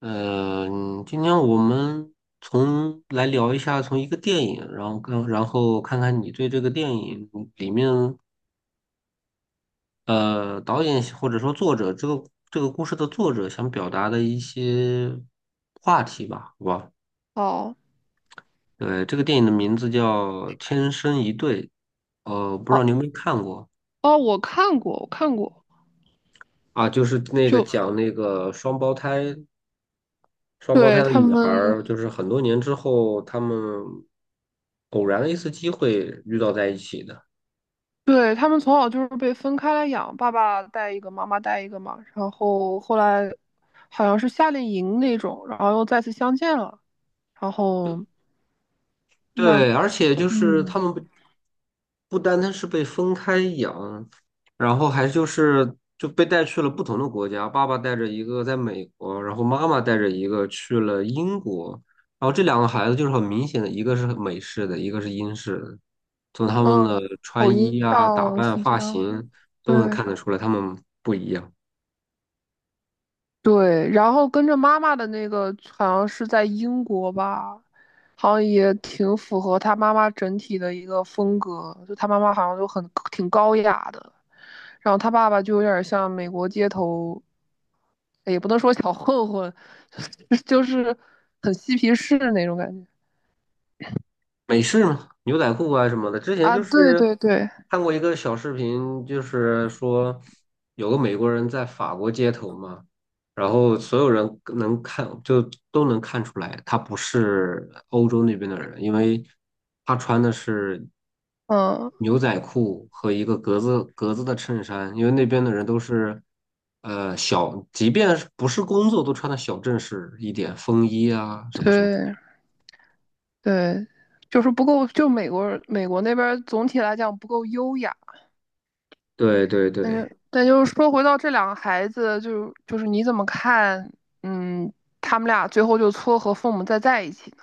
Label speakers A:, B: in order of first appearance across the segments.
A: 嗯，今天我们聊一下，从一个电影，然后跟然后看看你对这个电影里面导演或者说作者这个故事的作者想表达的一些话题吧，好吧？
B: 哦
A: 对，这个电影的名字叫《天生一对》，不知道
B: 哦
A: 你有没有看过
B: 哦，我看过，我看过。
A: 啊？就是那个
B: 就嗯
A: 讲那个双胞胎。双胞
B: 对
A: 胎的
B: 他
A: 女孩
B: 们，
A: 儿，就是很多年之后，他们偶然的一次机会遇到在一起的。
B: 对他们从小就是被分开来养，爸爸带一个，妈妈带一个嘛，然后后来好像是夏令营那种，然后又再次相见了，然后慢，
A: 对，而且就是
B: 嗯
A: 他们不单单是被分开养，然后还就是就被带去了不同的国家。爸爸带着一个在美国，然后妈妈带着一个去了英国。然后这两个孩子就是很明显的，一个是美式的，一个是英式的。从他们
B: 嗯，
A: 的
B: 口
A: 穿
B: 音
A: 衣啊、打
B: 上
A: 扮、
B: 是这
A: 发
B: 样的
A: 型都能
B: 对。
A: 看得出来，他们不一样。
B: 对，然后跟着妈妈的那个好像是在英国吧，好像也挺符合他妈妈整体的一个风格，就他妈妈好像就很挺高雅的，然后他爸爸就有点像美国街头，也不能说小混混，就是很嬉皮士那种感觉
A: 美式嘛，牛仔裤啊什么的。之前
B: 啊。
A: 就
B: 对
A: 是
B: 对对，
A: 看过一个小视频，就是说有个美国人在法国街头嘛，然后所有人能看就都能看出来，他不是欧洲那边的人，因为他穿的是
B: 嗯，
A: 牛仔裤和一个格子的衬衫，因为那边的人都是。即便是不是工作，都穿的小正式一点，风衣啊，什么什么。
B: 对对，就是不够，就美国那边儿总体来讲不够优雅。
A: 对对对。
B: 但就是说，回到这两个孩子，就是你怎么看？嗯，他们俩最后就撮合父母再在一起呢？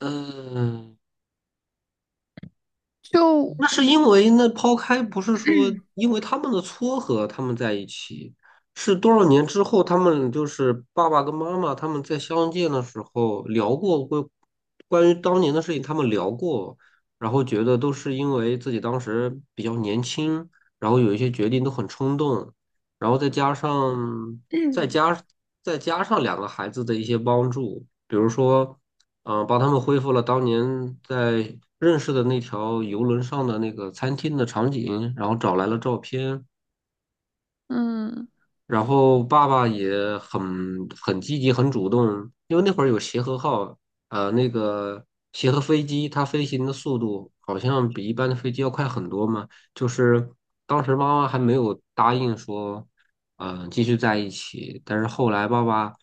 A: 嗯，
B: 就
A: 那是因为那抛开不是说因为他们的撮合，他们在一起，是多少年之后，他们就是爸爸跟妈妈他们在相见的时候聊过关于当年的事情，他们聊过，然后觉得都是因为自己当时比较年轻，然后有一些决定都很冲动，然后再
B: 嗯
A: 加再加上两个孩子的一些帮助，比如说。帮他们恢复了当年在认识的那条游轮上的那个餐厅的场景，然后找来了照片，
B: 嗯
A: 然后爸爸也很积极、很主动，因为那会儿有协和号，呃，那个协和飞机它飞行的速度好像比一般的飞机要快很多嘛，就是当时妈妈还没有答应说，继续在一起，但是后来爸爸。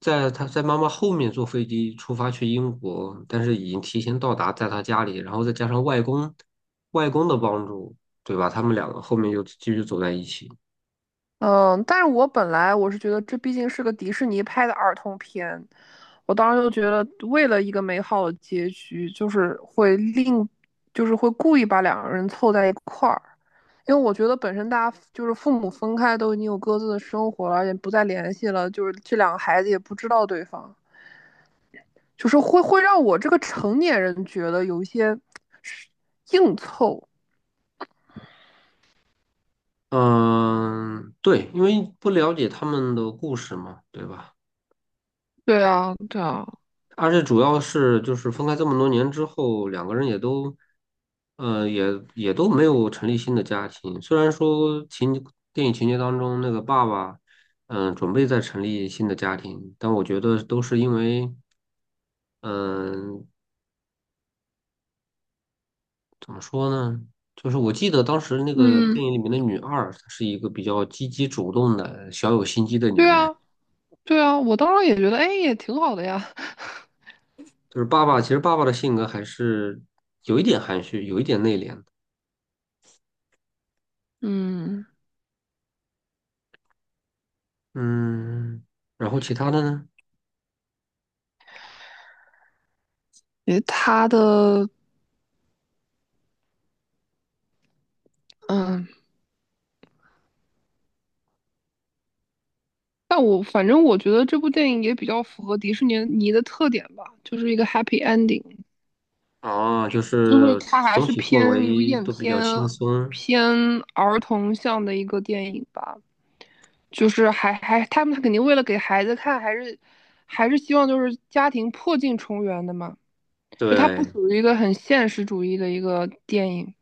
A: 在他在妈妈后面坐飞机出发去英国，但是已经提前到达，在他家里，然后再加上外公的帮助，对吧？他们两个后面又继续走在一起。
B: 嗯，但是我本来我是觉得这毕竟是个迪士尼拍的儿童片，我当时就觉得为了一个美好的结局，就是会另，就是会故意把两个人凑在一块儿，因为我觉得本身大家就是父母分开都已经有各自的生活了，也不再联系了，就是这两个孩子也不知道对方。就是会让我这个成年人觉得有一些硬凑。
A: 嗯，对，因为不了解他们的故事嘛，对吧？
B: 对啊，对啊，
A: 而且主要是就是分开这么多年之后，两个人也都，呃，也也都没有成立新的家庭。虽然说电影情节当中那个爸爸，准备再成立新的家庭，但我觉得都是因为，嗯、怎么说呢？就是我记得当时那个电
B: 嗯，
A: 影里面的女二，她是一个比较积极主动的、小有心机的女
B: 对
A: 人。
B: 啊，对啊，我当时也觉得，哎，也挺好的呀。
A: 就是爸爸，其实爸爸的性格还是有一点含蓄，有一点内敛的。
B: 嗯，
A: 嗯，然后其他的呢？
B: 也他的，嗯，但我反正我觉得这部电影也比较符合迪士尼尼的特点吧，就是一个 happy ending，
A: 哦，就
B: 就是
A: 是
B: 它还
A: 总
B: 是
A: 体
B: 偏
A: 氛
B: 有
A: 围
B: 点
A: 都比较
B: 偏
A: 轻松。
B: 偏儿童向的一个电影吧。就是他们肯定为了给孩子看，还是希望就是家庭破镜重圆的嘛。就它不
A: 对，
B: 属于一个很现实主义的一个电影，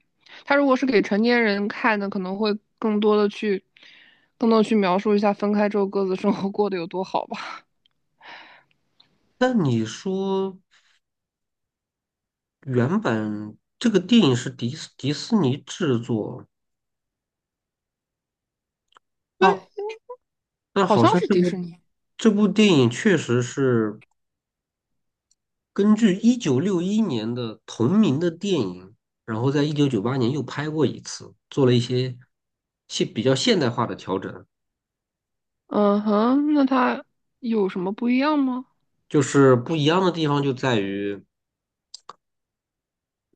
B: 它如果是给成年人看的，可能会更多的去更多的去描述一下分开之后各自生活过得有多好吧。
A: 那你说原本这个电影是迪士尼制作，
B: 对，
A: 那那
B: 好
A: 好
B: 像
A: 像
B: 是
A: 这
B: 迪
A: 部
B: 士尼。
A: 这部电影确实是根据1961年的同名的电影，然后在1998年又拍过一次，做了一些比较现代化的调整。
B: 嗯哼，那它有什么不一样吗？
A: 就是不一样的地方就在于。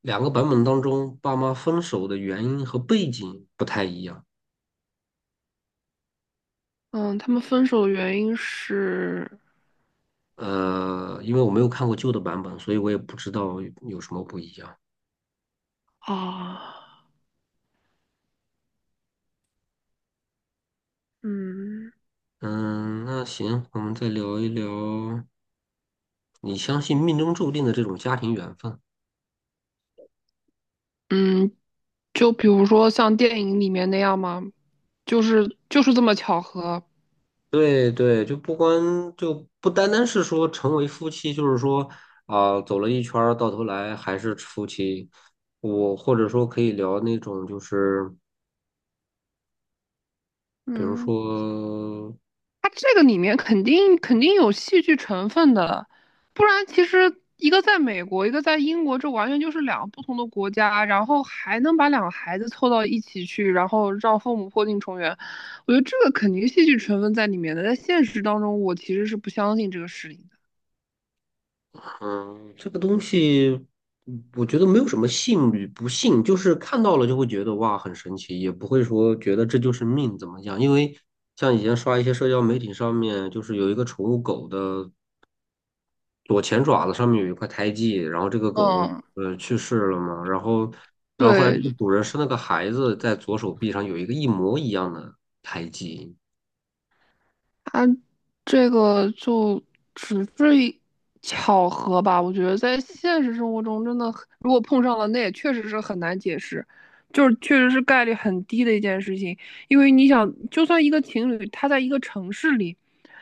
A: 两个版本当中，爸妈分手的原因和背景不太一样。
B: 嗯，他们分手的原因是
A: 因为我没有看过旧的版本，所以我也不知道有什么不一样。
B: 啊，嗯
A: 嗯，那行，我们再聊一聊，你相信命中注定的这种家庭缘分？
B: 嗯，就比如说像电影里面那样吗？就是这么巧合。
A: 对对，就不单单是说成为夫妻，就是说走了一圈儿，到头来还是夫妻。我或者说可以聊那种，就是比如
B: 嗯，
A: 说。
B: 它这个里面肯定有戏剧成分的，不然其实一个在美国，一个在英国，这完全就是两个不同的国家，然后还能把两个孩子凑到一起去，然后让父母破镜重圆，我觉得这个肯定戏剧成分在里面的。在现实当中，我其实是不相信这个事情的。
A: 嗯，这个东西，嗯我觉得没有什么信与不信，就是看到了就会觉得哇很神奇，也不会说觉得这就是命怎么样。因为像以前刷一些社交媒体上面，就是有一个宠物狗的左前爪子上面有一块胎记，然后这个狗狗
B: 嗯，
A: 去世了嘛，然后后来这
B: 对，
A: 个主人生了个孩子，在左手臂上有一个一模一样的胎记。
B: 它这个就只是一巧合吧。我觉得在现实生活中，真的很如果碰上了，那也确实是很难解释，就是确实是概率很低的一件事情。因为你想，就算一个情侣，他在一个城市里，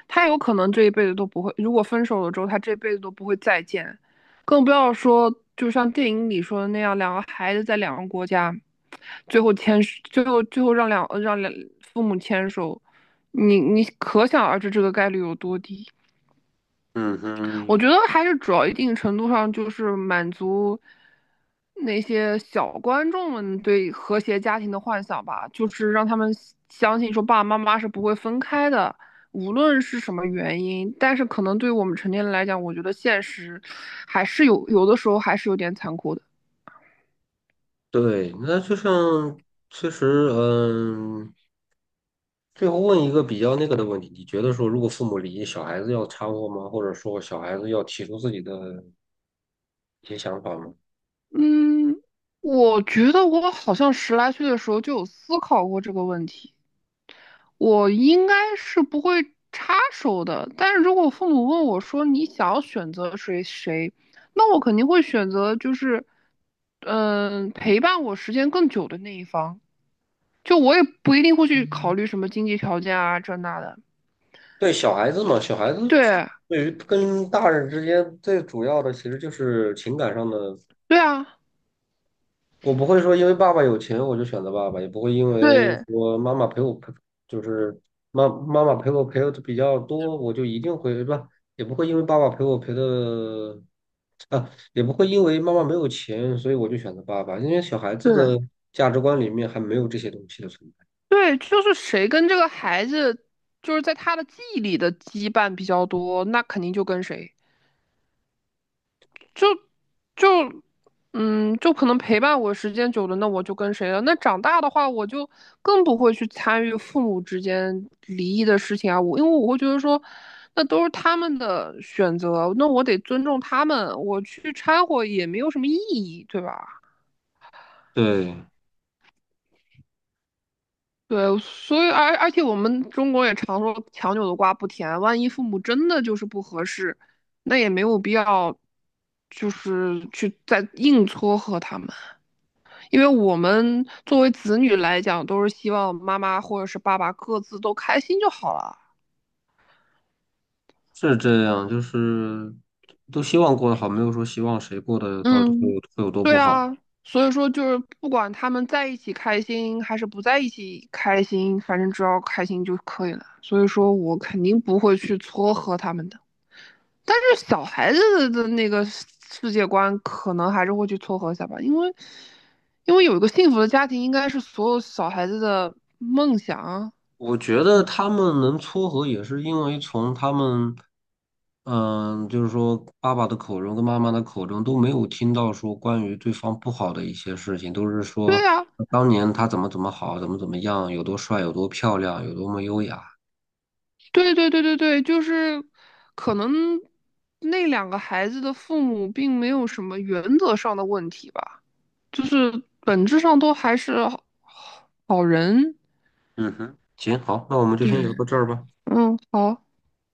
B: 他有可能这一辈子都不会，如果分手了之后，他这辈子都不会再见，更不要说就像电影里说的那样，两个孩子在两个国家，最后让两让两父母牵手。你可想而知这个概率有多低。
A: 嗯
B: 我
A: 哼，
B: 觉得还是主要一定程度上就是满足那些小观众们对和谐家庭的幻想吧，就是让他们相信说爸爸妈妈是不会分开的，无论是什么原因。但是可能对于我们成年人来讲，我觉得现实还是有的时候还是有点残酷的。
A: 对，那就像其实嗯。最后问一个比较那个的问题，你觉得说，如果父母离异，小孩子要掺和吗？或者说，小孩子要提出自己的一些想法吗？
B: 嗯，我觉得我好像十来岁的时候就有思考过这个问题。我应该是不会插手的，但是如果父母问我说你想要选择谁，那我肯定会选择嗯、陪伴我时间更久的那一方。就我也不一定会去考虑什么经济条件啊这那的。
A: 对，小孩子嘛，小孩子
B: 对，
A: 对于跟大人之间最主要的其实就是情感上的。
B: 对啊，
A: 我不会说因为爸爸有钱我就选择爸爸，也不会因为
B: 对
A: 说妈妈陪我陪，就是妈妈陪我陪的比较多，我就一定会，吧，也不会因为爸爸陪我陪的啊，也不会因为妈妈没有钱，所以我就选择爸爸，因为小孩子
B: 对
A: 的价值观里面还没有这些东西的存在。
B: 对，就是谁跟这个孩子就是在他的记忆里的羁绊比较多，那肯定就跟谁。就嗯，就可能陪伴我时间久了，那我就跟谁了？那长大的话，我就更不会去参与父母之间离异的事情啊。我因为我会觉得说，那都是他们的选择，那我得尊重他们，我去掺和也没有什么意义，对吧？
A: 对，
B: 对，所以而且我们中国也常说强扭的瓜不甜，万一父母真的就是不合适，那也没有必要，就是去再硬撮合他们。因为我们作为子女来讲，都是希望妈妈或者是爸爸各自都开心就好了。
A: 是这样，就是都希望过得好，没有说希望谁过得到底会
B: 嗯，
A: 有会有多
B: 对
A: 不好。
B: 啊，所以说就是不管他们在一起开心还是不在一起开心，反正只要开心就可以了。所以说我肯定不会去撮合他们的。但是小孩子的那个世界观，可能还是会去撮合一下吧，因为有一个幸福的家庭，应该是所有小孩子的梦想啊。
A: 我觉得他们能撮合，也是因为从他们，嗯，就是说爸爸的口中跟妈妈的口中都没有听到说关于对方不好的一些事情，都是说
B: 对啊，
A: 当年他怎么怎么好，怎么怎么样，有多帅，有多漂亮，有多么优雅。
B: 对对对对对，就是可能那两个孩子的父母并没有什么原则上的问题吧，就是本质上都还是好人。
A: 嗯哼，行，好，那我们就先
B: 对。
A: 聊到这儿吧。
B: 嗯，好。